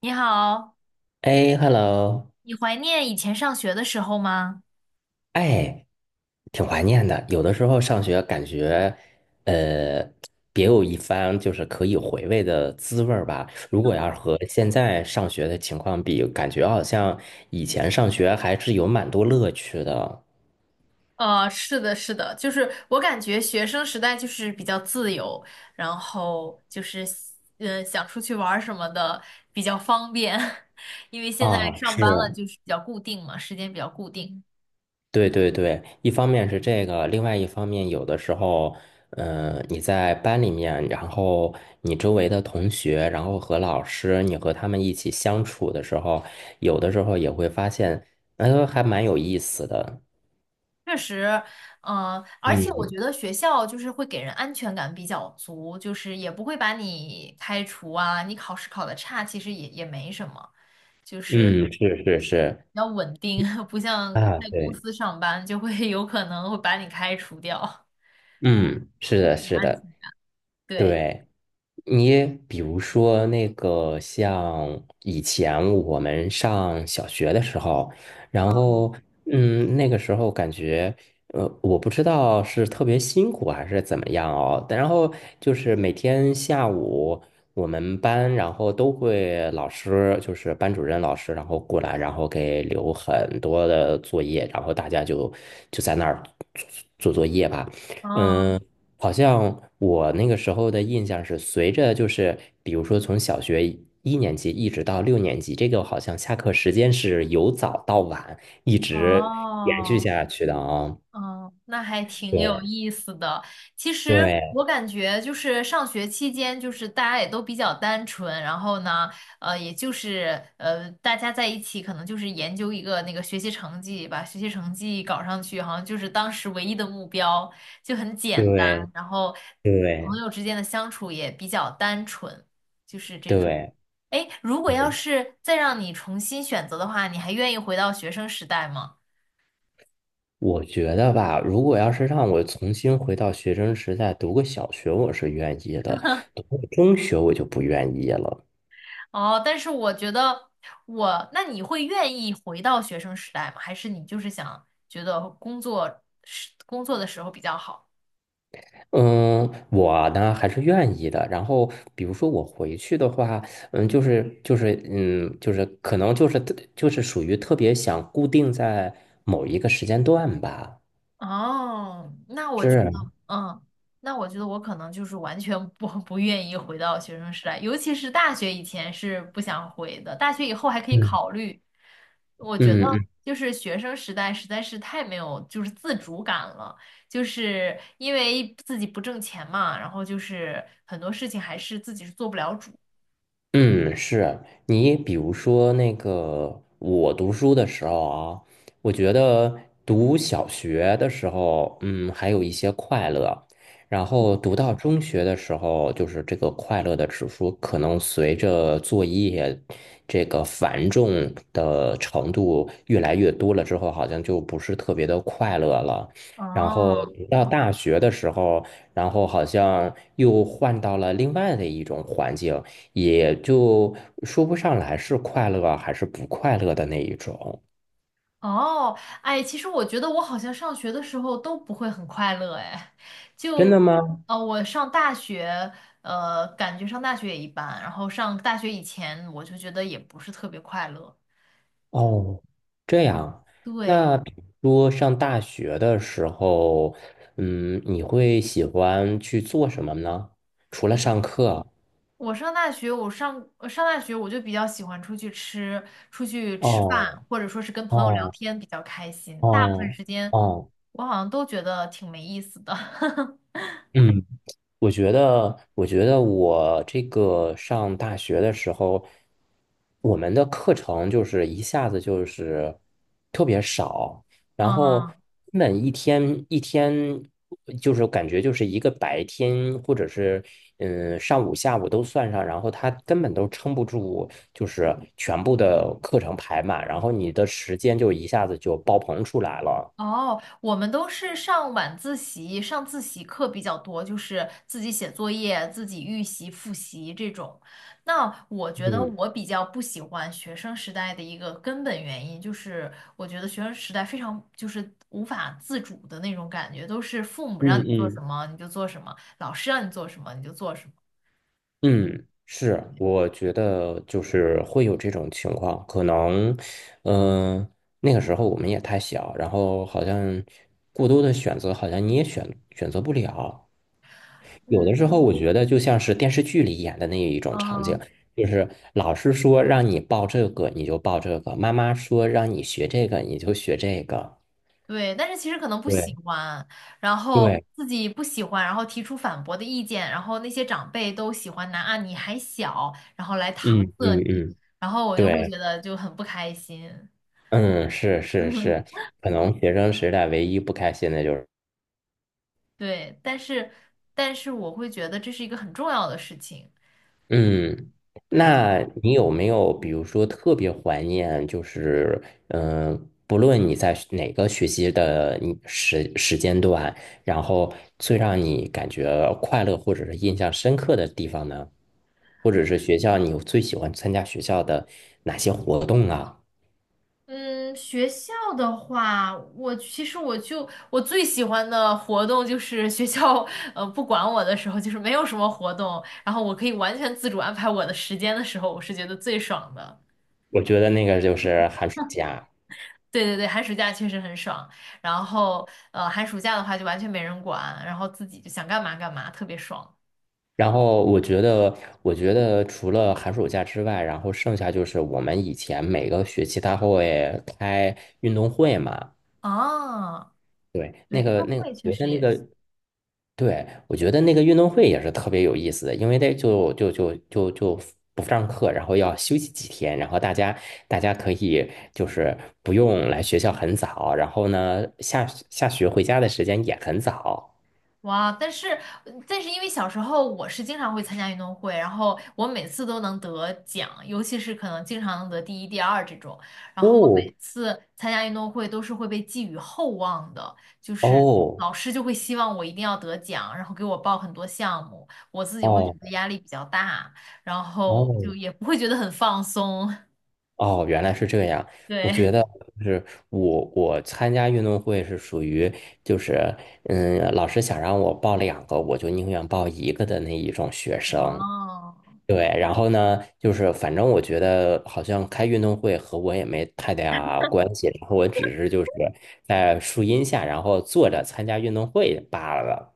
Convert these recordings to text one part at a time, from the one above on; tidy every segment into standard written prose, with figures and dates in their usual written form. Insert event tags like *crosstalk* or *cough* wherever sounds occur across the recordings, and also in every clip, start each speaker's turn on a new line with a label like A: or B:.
A: 你好，
B: 哎，hello。
A: 你怀念以前上学的时候吗？
B: 哎，挺怀念的。有的时候上学感觉，呃，别有一番就是可以回味的滋味儿吧。如果要是和现在上学的情况比，感觉好像以前上学还是有蛮多乐趣的。
A: 是的，是的，就是我感觉学生时代就是比较自由，然后就是想出去玩儿什么的比较方便，*laughs* 因为现在
B: 啊，
A: 上
B: 是。
A: 班了就是比较固定嘛，时间比较固定。
B: 对对对，一方面是这个，另外一方面，有的时候，你在班里面，然后你周围的同学，然后和老师，你和他们一起相处的时候，有的时候也会发现，还蛮有意思的。
A: 确实，嗯，而且我
B: 嗯
A: 觉得学校就是会给人安全感比较足，就是也不会把你开除啊，你考试考得差其实也没什么，就是。
B: 嗯，是是是，
A: 比较稳定，*laughs* 不像
B: 啊，
A: 在公
B: 对，
A: 司上班就会 *laughs* 有可能会把你开除掉。
B: 嗯，是的，是的。
A: *laughs* 对，
B: 对，你比如说那个像以前我们上小学的时候，然
A: 嗯
B: 后那个时候感觉我不知道是特别辛苦还是怎么样哦。但然后就是每天下午，我们班然后都会老师就是班主任老师，然后过来，然后给留很多的作业，然后大家就在那儿做做作业吧。
A: 嗯
B: 嗯。好像我那个时候的印象是，随着就是，比如说从小学1年级一直到6年级，这个好像下课时间是由早到晚一直延续
A: 哦，
B: 下去的啊。
A: 嗯，那还挺有
B: 对
A: 意思的。其实
B: 对
A: 我感觉就是上学期间，就是大家也都比较单纯，然后呢，也就是大家在一起可能就是研究一个那个学习成绩，把学习成绩搞上去，好像就是当时唯一的目标，就很简单。
B: 对
A: 然后朋
B: 对
A: 友之间的相处也比较单纯。
B: 对，
A: 哎，如果要
B: 对，
A: 是再让你重新选择的话，你还愿意回到学生时代吗？
B: 我觉得吧，如果要是让我重新回到学生时代读个小学，我是愿意的；读个中学，我就不愿意了。
A: 哦，但是我觉得我，那你会愿意回到学生时代吗？还是你就是想觉得工作时工作的时候比较好？
B: 嗯，我呢还是愿意的。然后，比如说我回去的话，就是就是可能就是特就是属于特别想固定在某一个时间段吧。
A: 哦，那我觉得，
B: 是，
A: 嗯，那我觉得我可能就是完全不 *laughs* 不愿意回到学生时代，尤其是大学以前是不想回的，大学以后还可以
B: 嗯，
A: 考虑，我觉得
B: 嗯嗯
A: 就是学生时代实在是太没有就是自主感了，就是因为自己不挣钱嘛，然后就是很多事情还是自己是做不了主。
B: 嗯，是。你比如说那个，我读书的时候啊，我觉得读小学的时候，还有一些快乐，然后读到中学的时候，就是这个快乐的指数可能随着作业这个繁重的程度越来越多了之后，好像就不是特别的快乐了。然后
A: 哦
B: 读到大学的时候，然后好像又换到了另外的一种环境。也就说不上来是快乐还是不快乐的那一种。
A: 哦，哎，其实我觉得我好像上学的时候都不会很快乐，哎，
B: 真
A: 就
B: 的吗？
A: 我上大学，呃，感觉上大学也一般，然后上大学以前我就觉得也不是特别快乐。
B: 哦，这
A: 嗯，
B: 样。
A: 对。
B: 那比如说上大学的时候，你会喜欢去做什么呢？除了上课。
A: 我上大学，我上大学我就比较喜欢出去吃，出去吃饭，
B: 哦
A: 或者说是跟朋友聊
B: 哦
A: 天比较开心。大部分
B: 哦
A: 时间
B: 哦，
A: 我好像都觉得挺没意思的。*laughs*
B: 嗯。我觉得，我这个上大学的时候，我们的课程就是一下子就是特别少，然后
A: 嗯
B: 根本一天一天就是感觉就是一个白天或者是上午下午都算上，然后他根本都撑不住，就是全部的课程排满，然后你的时间就一下子就爆棚出来了。
A: 哦，我们都是上晚自习，上自习课比较多，就是自己写作业、自己预习、复习这种。那我觉得
B: 嗯
A: 我比较不喜欢学生时代的一个根本原因，就是我觉得学生时代非常就是无法自主的那种感觉，都是父母让你做什
B: 嗯
A: 么你就做什么，老师让你做什么你就做什么。
B: 嗯，是，我觉得就是会有这种情况，可能，嗯、那个时候我们也太小，然后好像过多的选择，好像你也选择不了。有的时候
A: 嗯，
B: 我觉得就像是电视剧里演的那一种场景，
A: 嗯。
B: 就是老师说让你报这个，你就报这个；妈妈说让你学这个，你就学这个。
A: 对，但是其实可能不喜
B: 对
A: 欢，然后
B: 对，
A: 自己不喜欢，然后提出反驳的意见，然后那些长辈都喜欢拿啊你还小，然后来
B: 嗯
A: 搪塞
B: 嗯
A: 你，
B: 嗯，
A: 然后我就会觉
B: 对，
A: 得就很不开心。
B: 嗯，是是是，可能学生时代唯一不开心的就是。
A: 对，但是我会觉得这是一个很重要的事情。
B: 嗯，
A: 对，
B: 那你有没有比如说特别怀念，就是嗯、呃不论你在学哪个学习的你时间段，然后最让你感觉快乐或者是印象深刻的地方呢？或者是学校你最喜欢参加学校的哪些活动啊？
A: 嗯，学校的话，我其实我就我最喜欢的活动就是学校，呃，不管我的时候，就是没有什么活动，然后我可以完全自主安排我的时间的时候，我是觉得最爽的。
B: 我觉得那个就是寒暑假。
A: 对对对，寒暑假确实很爽。然后，呃，寒暑假的话就完全没人管，然后自己就想干嘛干嘛，特别爽。
B: 然后我觉得，除了寒暑假之外，然后剩下就是我们以前每个学期他会开运动会嘛，
A: 啊，
B: 对，那
A: 对，运
B: 个
A: 动
B: 那个，
A: 会
B: 我
A: 确
B: 觉得
A: 实
B: 那
A: 也是。
B: 个，对，我觉得那个运动会也是特别有意思的，因为那就不上课，然后要休息几天，然后大家可以就是不用来学校很早，然后呢下学回家的时间也很早。
A: 哇！但是，但是因为小时候我是经常会参加运动会，然后我每次都能得奖，尤其是可能经常能得第一、第二这种。然后我
B: 哦
A: 每次参加运动会都是会被寄予厚望的，就是
B: 哦
A: 老师就会希望我一定要得奖，然后给我报很多项目，我自己会觉得
B: 哦
A: 压力比较大，然后就
B: 哦。
A: 也不会觉得很放松。*laughs*
B: 哦，原来是这样。我
A: 对，
B: 觉得就是我参加运动会是属于就是，老师想让我报两个，我就宁愿报一个的那一种学生。
A: 哦，
B: 对，然后呢，就是反正我觉得好像开运动会和我也没太大关系，然后我只是就是在树荫下，然后坐着参加运动会罢了。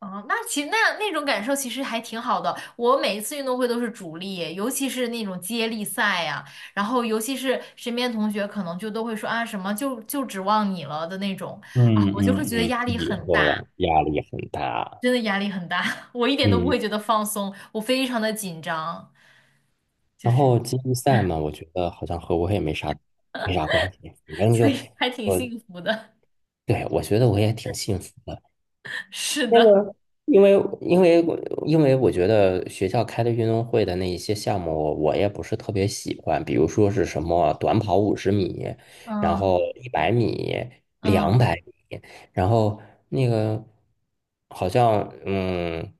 A: 哦，那其实那种感受其实还挺好的。我每一次运动会都是主力，尤其是那种接力赛呀、然后尤其是身边同学可能就都会说啊什么就指望你了的那种啊，
B: 嗯
A: 我就会
B: 嗯
A: 觉得
B: 嗯，
A: 压力
B: 以
A: 很
B: 后
A: 大，
B: 啊，压力很大。
A: 真的压力很大，*laughs* 我一点都不
B: 嗯。
A: 会觉得放松，我非常的紧张，就
B: 然
A: 是
B: 后接力赛嘛，我觉得好像和我也没啥关系，反
A: *laughs*
B: 正
A: 所
B: 就。
A: 以还挺
B: 我，
A: 幸福的。
B: 对，我觉得我也挺幸福的。
A: *laughs* 是
B: 那
A: 的，
B: 个，因为因为我因为我觉得学校开的运动会的那一些项目，我也不是特别喜欢，比如说是什么短跑50米，然
A: 嗯
B: 后100米、两
A: 嗯。
B: 百米，然后那个好像。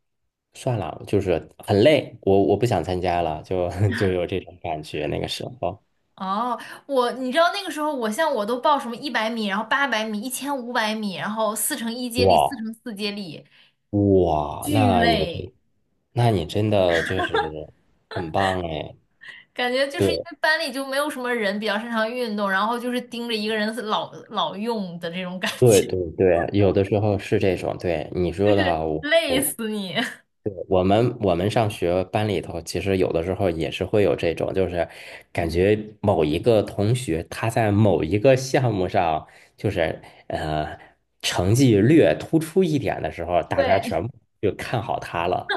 B: 算了，就是很累，我不想参加了，就 *laughs* 就有这种感觉。那个时候，
A: 哦，我你知道那个时候，我像我都报什么100米，然后800米、1500米，然后4乘1接力、四
B: 哇
A: 乘四接力，
B: 哇，
A: 巨
B: 那你
A: 累。
B: 这，那你真的就是很棒哎！
A: 感觉就是因
B: 对
A: 为班里就没有什么人比较擅长运动，然后就是盯着一个人老用的这种感
B: 对
A: 觉，
B: 对对，有的时候是这种，对你
A: *laughs* 就
B: 说的
A: 是
B: 哈，我
A: 累
B: 我
A: 死你。
B: 对，我们上学班里头，其实有的时候也是会有这种，就是感觉某一个同学他在某一个项目上，就是呃成绩略突出一点的时候，
A: *laughs*
B: 大家全
A: 对，
B: 部就看好他了。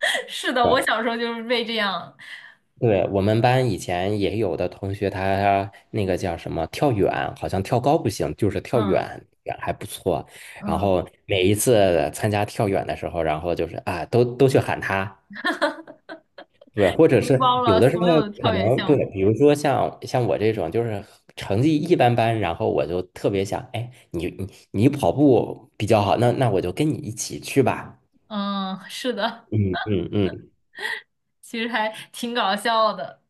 A: *laughs* 是的，我
B: 对
A: 小时候就是被这样，
B: 对，我们班以前也有的同学，他那个叫什么跳远，好像跳高不行，就是跳远
A: 嗯
B: 远还不错。然
A: 嗯，
B: 后每一次参加跳远的时候，然后就是啊，都去喊他，对，或者
A: 承
B: 是
A: 包
B: 有
A: 了
B: 的时候
A: 所有的
B: 可
A: 跳远
B: 能
A: 项
B: 对，
A: 目。
B: 比如说像我这种就是成绩一般般，然后我就特别想，哎，你跑步比较好，那我就跟你一起去吧。
A: 嗯，是的，
B: 嗯嗯嗯，
A: 其实还挺搞笑的。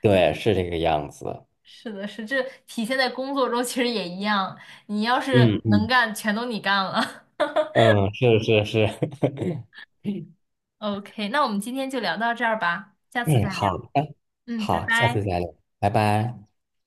B: 对，是这个样子。
A: 是的，是这体现在工作中，其实也一样。你要是
B: 嗯
A: 能
B: 嗯
A: 干，全都你干了。*laughs*
B: 嗯，是是是，*laughs*
A: OK，那我们今天就聊到这儿吧，下次
B: 哎，
A: 再
B: 好
A: 聊。
B: 的，
A: 嗯，拜
B: 好，下次
A: 拜。
B: 再聊，拜拜。